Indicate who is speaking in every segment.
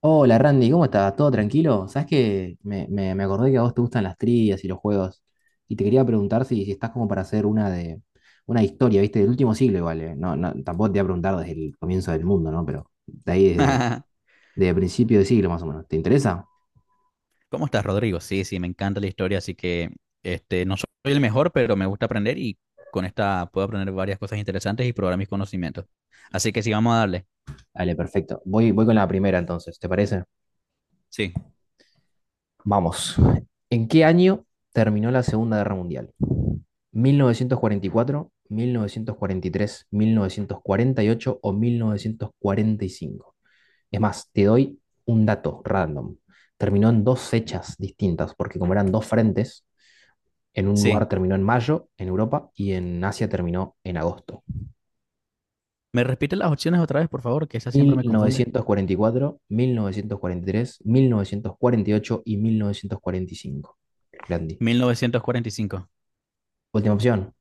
Speaker 1: Hola Randy, ¿cómo estás? ¿Todo tranquilo? Sabes que me acordé que a vos te gustan las trivias y los juegos, y te quería preguntar si estás como para hacer una historia, ¿viste? Del último siglo igual. No, no, tampoco te voy a preguntar desde el comienzo del mundo, ¿no? Pero de ahí desde, desde principio del siglo más o menos. ¿Te interesa?
Speaker 2: ¿Cómo estás, Rodrigo? Sí, sí, me encanta la historia, así que este, no soy el mejor, pero me gusta aprender y con esta puedo aprender varias cosas interesantes y probar mis conocimientos. Así que sí, vamos a darle.
Speaker 1: Dale, perfecto. Voy con la primera entonces, ¿te parece?
Speaker 2: Sí,
Speaker 1: Vamos. ¿En qué año terminó la Segunda Guerra Mundial? Mil novecientos cuarenta y cuatro, tres, 1948 o 1945. Es más, te doy un dato random. Terminó en dos fechas distintas, porque como eran dos frentes, en un lugar
Speaker 2: sí.
Speaker 1: terminó en mayo, en Europa, y en Asia terminó en agosto.
Speaker 2: ¿Me repite las opciones otra vez, por favor? Que esa siempre me confunde.
Speaker 1: 1944, 1943, 1948 y 1945. Randy.
Speaker 2: 1945,
Speaker 1: Última opción.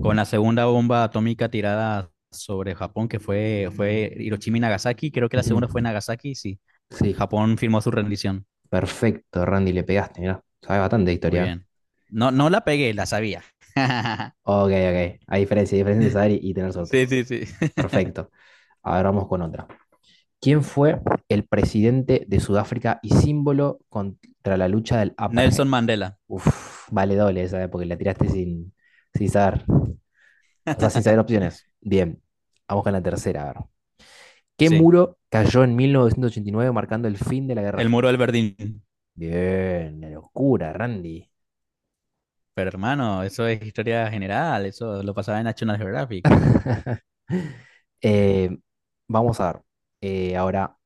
Speaker 2: con la segunda bomba atómica tirada sobre Japón, que fue Hiroshima y Nagasaki. Creo que la segunda fue Nagasaki, sí.
Speaker 1: Sí,
Speaker 2: Japón firmó su rendición.
Speaker 1: perfecto, Randy, le pegaste, mirá. Sabes bastante de
Speaker 2: Muy
Speaker 1: historia, ¿eh?
Speaker 2: bien. No, no la pegué, la sabía.
Speaker 1: Ah, ok, ok. Hay diferencia de saber y tener suerte.
Speaker 2: Sí, sí, sí.
Speaker 1: Perfecto. Ahora vamos con otra. ¿Quién fue el presidente de Sudáfrica y símbolo contra la lucha del apartheid?
Speaker 2: Nelson Mandela.
Speaker 1: Uf, vale doble esa, porque la tiraste sin saber, o sea, sin saber opciones. Bien, vamos con la tercera, a ver. ¿Qué
Speaker 2: Sí,
Speaker 1: muro cayó en 1989 marcando el fin de la Guerra
Speaker 2: el muro
Speaker 1: Fría?
Speaker 2: del Berlín.
Speaker 1: Bien, la locura, Randy.
Speaker 2: Pero hermano, eso es historia general, eso lo pasaba en National Geographic.
Speaker 1: Eh, Vamos a ver. Ahora,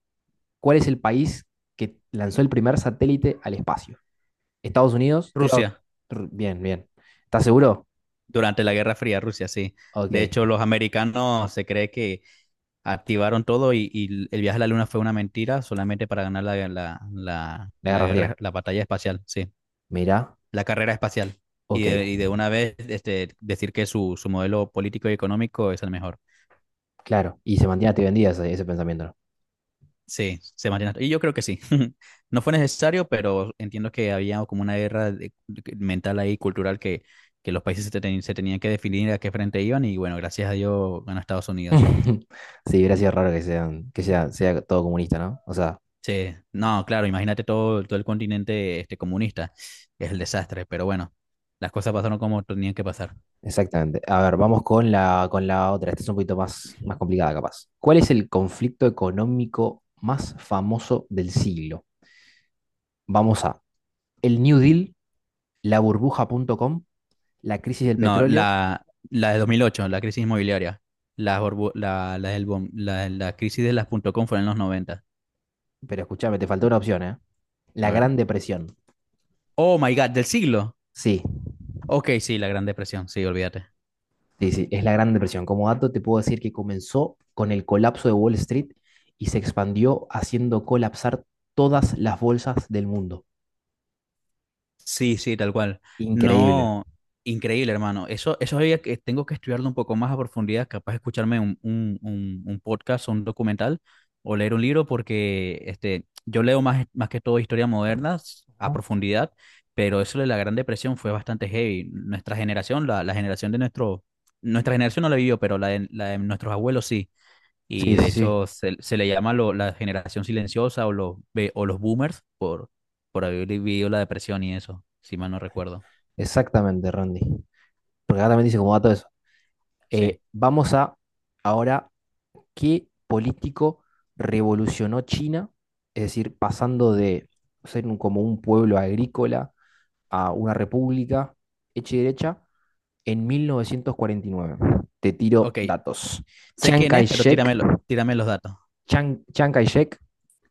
Speaker 1: ¿cuál es el país que lanzó el primer satélite al espacio? Estados Unidos, te digo.
Speaker 2: Rusia,
Speaker 1: Bien, bien. ¿Estás seguro?
Speaker 2: durante la Guerra Fría, Rusia, sí.
Speaker 1: Ok,
Speaker 2: De hecho, los americanos se cree que activaron todo y el viaje a la Luna fue una mentira solamente para ganar la, la, la,
Speaker 1: la
Speaker 2: la
Speaker 1: Guerra
Speaker 2: guerra,
Speaker 1: Fría.
Speaker 2: la batalla espacial, sí,
Speaker 1: Mirá,
Speaker 2: la carrera espacial.
Speaker 1: ok,
Speaker 2: Y de una vez este, decir que su modelo político y económico es el mejor.
Speaker 1: claro. Y se mantiene te vendida ese pensamiento, ¿no?
Speaker 2: Sí, se mantiene. Y yo creo que sí. No fue necesario, pero entiendo que había como una guerra mental ahí, cultural, que los países se tenían que definir a qué frente iban y bueno, gracias a Dios ganó Estados Unidos.
Speaker 1: Sí, hubiera sido raro que sea todo comunista, ¿no? O sea,
Speaker 2: Sí, no, claro, imagínate todo el continente este, comunista. Es el desastre, pero bueno, las cosas pasaron como tenían que pasar.
Speaker 1: exactamente. A ver, vamos con la otra. Esta es un poquito más, más complicada, capaz. ¿Cuál es el conflicto económico más famoso del siglo? Vamos a el New Deal, la burbuja punto .com, la crisis del
Speaker 2: No,
Speaker 1: petróleo.
Speaker 2: la de 2008, la crisis inmobiliaria, la, borbu- la, del bom- la crisis de las punto .com fue en los 90.
Speaker 1: Pero escúchame, te faltó una opción, ¿eh? La
Speaker 2: A ver.
Speaker 1: Gran Depresión.
Speaker 2: Oh my God, del siglo.
Speaker 1: Sí,
Speaker 2: Ok, sí, la Gran Depresión, sí, olvídate.
Speaker 1: sí, sí, es la Gran Depresión. Como dato, te puedo decir que comenzó con el colapso de Wall Street y se expandió haciendo colapsar todas las bolsas del mundo.
Speaker 2: Sí, sí, tal cual.
Speaker 1: Increíble.
Speaker 2: No, increíble, hermano. Eso tengo que estudiarlo un poco más a profundidad, capaz de escucharme un podcast o un documental o leer un libro, porque este, yo leo más, más que todo historia moderna a
Speaker 1: Ujú.
Speaker 2: profundidad, pero eso de la Gran Depresión fue bastante heavy. La nuestra generación no la vivió, pero la de nuestros abuelos sí. Y
Speaker 1: Sí, sí,
Speaker 2: de
Speaker 1: sí,
Speaker 2: hecho se le llama la generación silenciosa o o los boomers por haber vivido la depresión y eso, si mal no recuerdo.
Speaker 1: exactamente, Randy. Porque acá también dice como dato eso.
Speaker 2: Sí.
Speaker 1: Vamos a Ahora, qué político revolucionó China, es decir, pasando de ser como un pueblo agrícola a una república hecha y derecha en 1949. Te tiro
Speaker 2: Ok,
Speaker 1: datos.
Speaker 2: sé
Speaker 1: Chiang
Speaker 2: quién es, pero
Speaker 1: Kai-shek,
Speaker 2: tírame los datos.
Speaker 1: Chiang Kai-shek,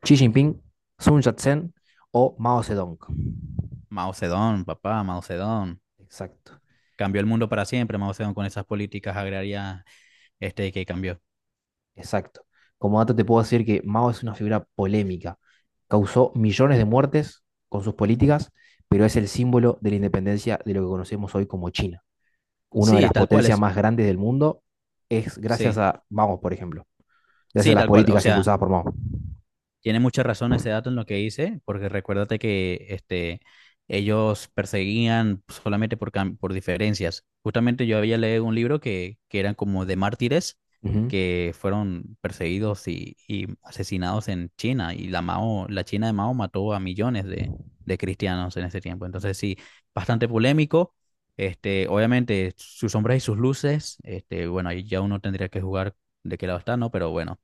Speaker 1: Xi Jinping, Sun Yat-sen o Mao Zedong.
Speaker 2: Mao Zedong, papá, Mao Zedong.
Speaker 1: Exacto,
Speaker 2: Cambió el mundo para siempre, Mao Zedong, con esas políticas agrarias este, que cambió.
Speaker 1: exacto. Como dato te puedo decir que Mao es una figura polémica. Causó millones de muertes con sus políticas, pero es el símbolo de la independencia de lo que conocemos hoy como China. Una de
Speaker 2: Sí,
Speaker 1: las
Speaker 2: tal cual
Speaker 1: potencias
Speaker 2: es.
Speaker 1: más grandes del mundo es gracias
Speaker 2: Sí,
Speaker 1: a Mao, por ejemplo. Gracias
Speaker 2: sí,
Speaker 1: a las
Speaker 2: tal cual. O
Speaker 1: políticas
Speaker 2: sea,
Speaker 1: impulsadas por Mao.
Speaker 2: tiene mucha razón ese dato en lo que dice, porque recuérdate que este, ellos perseguían solamente por diferencias. Justamente yo había leído un libro que eran como de mártires
Speaker 1: Ujú,
Speaker 2: que fueron perseguidos y asesinados en China, y Mao, la China de Mao mató a millones de cristianos en ese tiempo. Entonces sí, bastante polémico. Este, obviamente, sus sombras y sus luces, este, bueno, ahí ya uno tendría que jugar de qué lado está, ¿no? Pero bueno,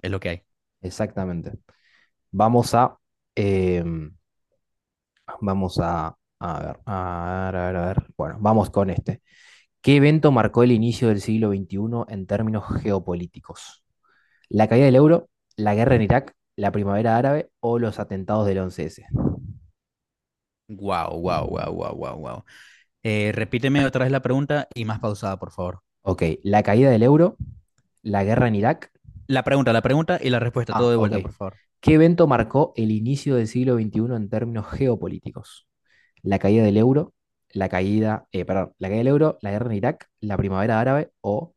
Speaker 2: es lo que hay.
Speaker 1: exactamente. Vamos a, em, vamos a, A ver, a ver. Bueno, vamos con este. ¿Qué evento marcó el inicio del siglo XXI en términos geopolíticos? ¿La caída del euro, la guerra en Irak, la primavera árabe o los atentados del 11S?
Speaker 2: Wow, wow, wow, wow, wow, wow. Repíteme otra vez la pregunta y más pausada, por favor.
Speaker 1: Ok, la caída del euro, la guerra en Irak.
Speaker 2: La pregunta y la respuesta, todo
Speaker 1: Ah,
Speaker 2: de
Speaker 1: ok.
Speaker 2: vuelta, por favor.
Speaker 1: ¿Qué evento marcó el inicio del siglo XXI en términos geopolíticos? ¿La caída del euro, la caída, perdón, la caída del euro, la guerra en Irak, la primavera árabe o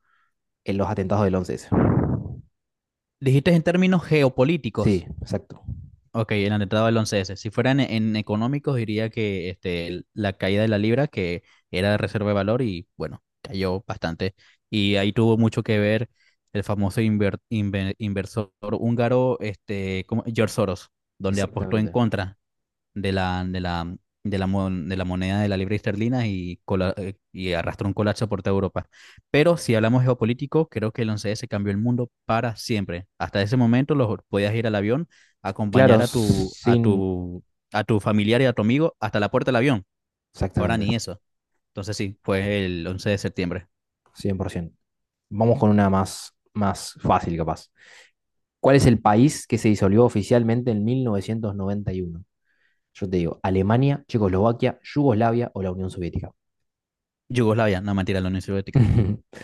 Speaker 1: en los atentados del 11S?
Speaker 2: Dijiste en términos
Speaker 1: Sí,
Speaker 2: geopolíticos.
Speaker 1: exacto,
Speaker 2: Ok, el atentado del 11S. Si fueran en económicos, diría que este, la caída de la libra, que era de reserva de valor y bueno, cayó bastante. Y ahí tuvo mucho que ver el famoso inversor húngaro, este, ¿cómo? George Soros, donde apostó en
Speaker 1: exactamente.
Speaker 2: contra de la, de la, de la moneda de la libra esterlina y arrastró un colapso por toda Europa. Pero si hablamos geopolítico, creo que el 11S cambió el mundo para siempre. Hasta ese momento podías ir al avión,
Speaker 1: Claro,
Speaker 2: acompañar
Speaker 1: sin,
Speaker 2: a tu familiar y a tu amigo hasta la puerta del avión. Ahora
Speaker 1: exactamente,
Speaker 2: ni eso. Entonces sí, fue el 11 de septiembre.
Speaker 1: 100%. Vamos con una más, más fácil, capaz. ¿Cuál es el país que se disolvió oficialmente en 1991? Yo te digo, Alemania, Checoslovaquia, Yugoslavia o la Unión Soviética.
Speaker 2: Yugoslavia, no mentira, la Unión Soviética.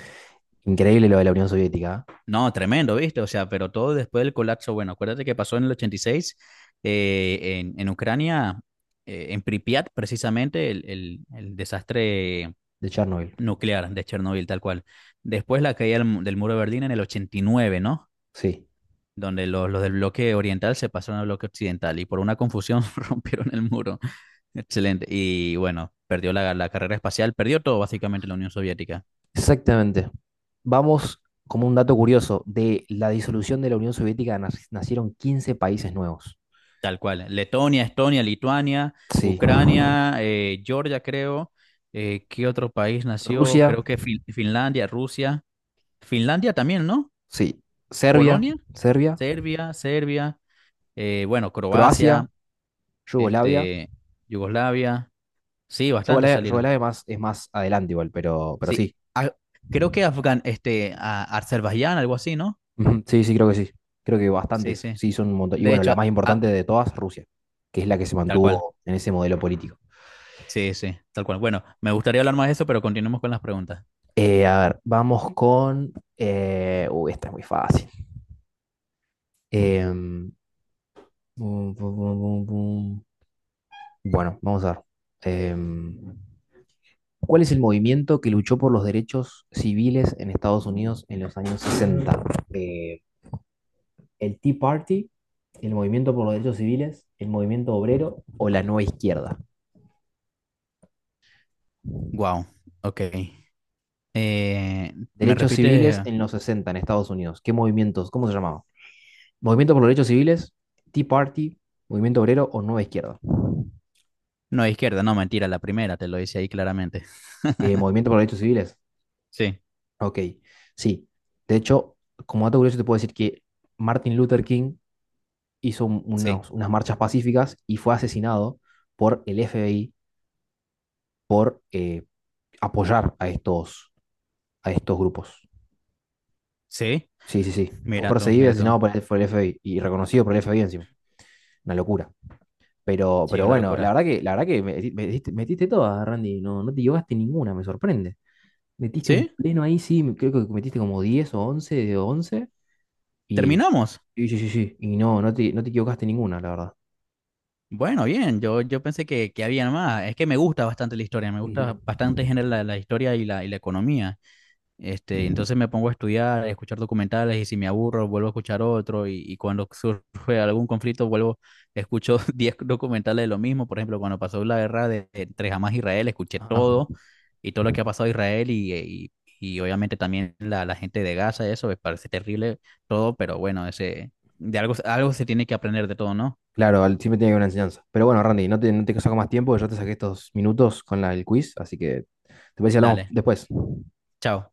Speaker 1: Increíble lo de la Unión Soviética, ¿eh?
Speaker 2: No, tremendo, ¿viste? O sea, pero todo después del colapso. Bueno, acuérdate que pasó en el 86 en Ucrania, en Pripyat, precisamente, el desastre
Speaker 1: De Chernobyl.
Speaker 2: nuclear de Chernobyl, tal cual. Después la caída del muro de Berlín en el 89, ¿no?
Speaker 1: Sí,
Speaker 2: Donde los del bloque oriental se pasaron al bloque occidental y por una confusión rompieron el muro. Excelente. Y bueno, perdió la carrera espacial, perdió todo básicamente la Unión Soviética.
Speaker 1: exactamente. Vamos, como un dato curioso, de la disolución de la Unión Soviética nacieron 15 países nuevos.
Speaker 2: Tal cual. Letonia, Estonia, Lituania,
Speaker 1: Sí.
Speaker 2: Ucrania, Georgia, creo. ¿Qué otro país nació?
Speaker 1: Rusia,
Speaker 2: Creo que Finlandia, Rusia. Finlandia también, ¿no?
Speaker 1: sí, Serbia,
Speaker 2: Polonia,
Speaker 1: Serbia,
Speaker 2: Serbia, Serbia. Bueno,
Speaker 1: Croacia,
Speaker 2: Croacia,
Speaker 1: Yugoslavia.
Speaker 2: este, Yugoslavia. Sí, bastante
Speaker 1: Yugoslavia,
Speaker 2: salieron.
Speaker 1: Yugoslavia más, es más adelante igual, pero
Speaker 2: Sí.
Speaker 1: sí.
Speaker 2: Ah, creo que este, Azerbaiyán, algo así, ¿no?
Speaker 1: Ujú. Sí, sí. Creo que
Speaker 2: Sí,
Speaker 1: bastantes.
Speaker 2: sí.
Speaker 1: Sí, son un montón. Y
Speaker 2: De
Speaker 1: bueno, la
Speaker 2: hecho,
Speaker 1: más importante
Speaker 2: ah,
Speaker 1: de todas, Rusia, que es la que se
Speaker 2: tal cual.
Speaker 1: mantuvo en ese modelo político.
Speaker 2: Sí, sí, tal cual. Bueno, me gustaría hablar más de eso, pero continuemos con las preguntas.
Speaker 1: A ver, vamos con... uy, esta es muy fácil. Em, Pum, pum, pum, pum, pum. Bueno, vamos a ver. Em, ¿Cuál es el movimiento que luchó por los derechos civiles en Estados Unidos en los años 60? Eh, el Tea Party, el movimiento por los derechos civiles, el movimiento obrero o la nueva izquierda.
Speaker 2: Wow. Ok. Eh, me
Speaker 1: Derechos civiles
Speaker 2: repite,
Speaker 1: en los 60 en Estados Unidos. ¿Qué movimientos? ¿Cómo se llamaba? Movimiento por los derechos civiles, Tea Party, movimiento obrero o nueva izquierda.
Speaker 2: no, izquierda, no, mentira, la primera, te lo hice ahí claramente.
Speaker 1: Movimiento por los derechos civiles.
Speaker 2: Sí,
Speaker 1: Ok, sí. De hecho, como dato curioso te puedo decir que Martin Luther King hizo un-
Speaker 2: sí,
Speaker 1: unos- unas marchas pacíficas y fue asesinado por el FBI por apoyar a estos grupos.
Speaker 2: sí.
Speaker 1: Sí, sí, sí. Fue
Speaker 2: Mira tú,
Speaker 1: perseguido y
Speaker 2: mira tú.
Speaker 1: asesinado por el FBI y reconocido por el FBI encima. Una locura. Pero,
Speaker 2: Sí,
Speaker 1: pero
Speaker 2: una
Speaker 1: bueno, la
Speaker 2: locura.
Speaker 1: verdad que, la verdad que metiste todas, Randy. No, no te llevaste ninguna, me sorprende. Metiste un
Speaker 2: ¿Sí?
Speaker 1: pleno ahí, sí, creo que metiste como 10 o 11 de 11. Y
Speaker 2: ¿Terminamos?
Speaker 1: sí, sí, sí, sí. Y no, no te equivocaste ninguna, la verdad.
Speaker 2: Bueno, bien, yo pensé que había más. Es que me gusta bastante la historia, me
Speaker 1: Ujú.
Speaker 2: gusta bastante en general la historia y la economía. Este, entonces me pongo a estudiar, a escuchar documentales y si me aburro vuelvo a escuchar otro y cuando surge algún conflicto vuelvo, escucho 10 documentales de lo mismo. Por ejemplo, cuando pasó la guerra entre Hamas e Israel, escuché
Speaker 1: Ajá.
Speaker 2: todo y todo lo que ha pasado a Israel y obviamente también la gente de Gaza, eso me parece terrible todo, pero bueno, ese, algo se tiene que aprender de todo, ¿no?
Speaker 1: Claro, siempre tiene que haber una enseñanza. Pero bueno, Randy, no te saco más tiempo, yo te saqué estos minutos con el quiz, así que te parece que hablamos
Speaker 2: Dale,
Speaker 1: después.
Speaker 2: chao.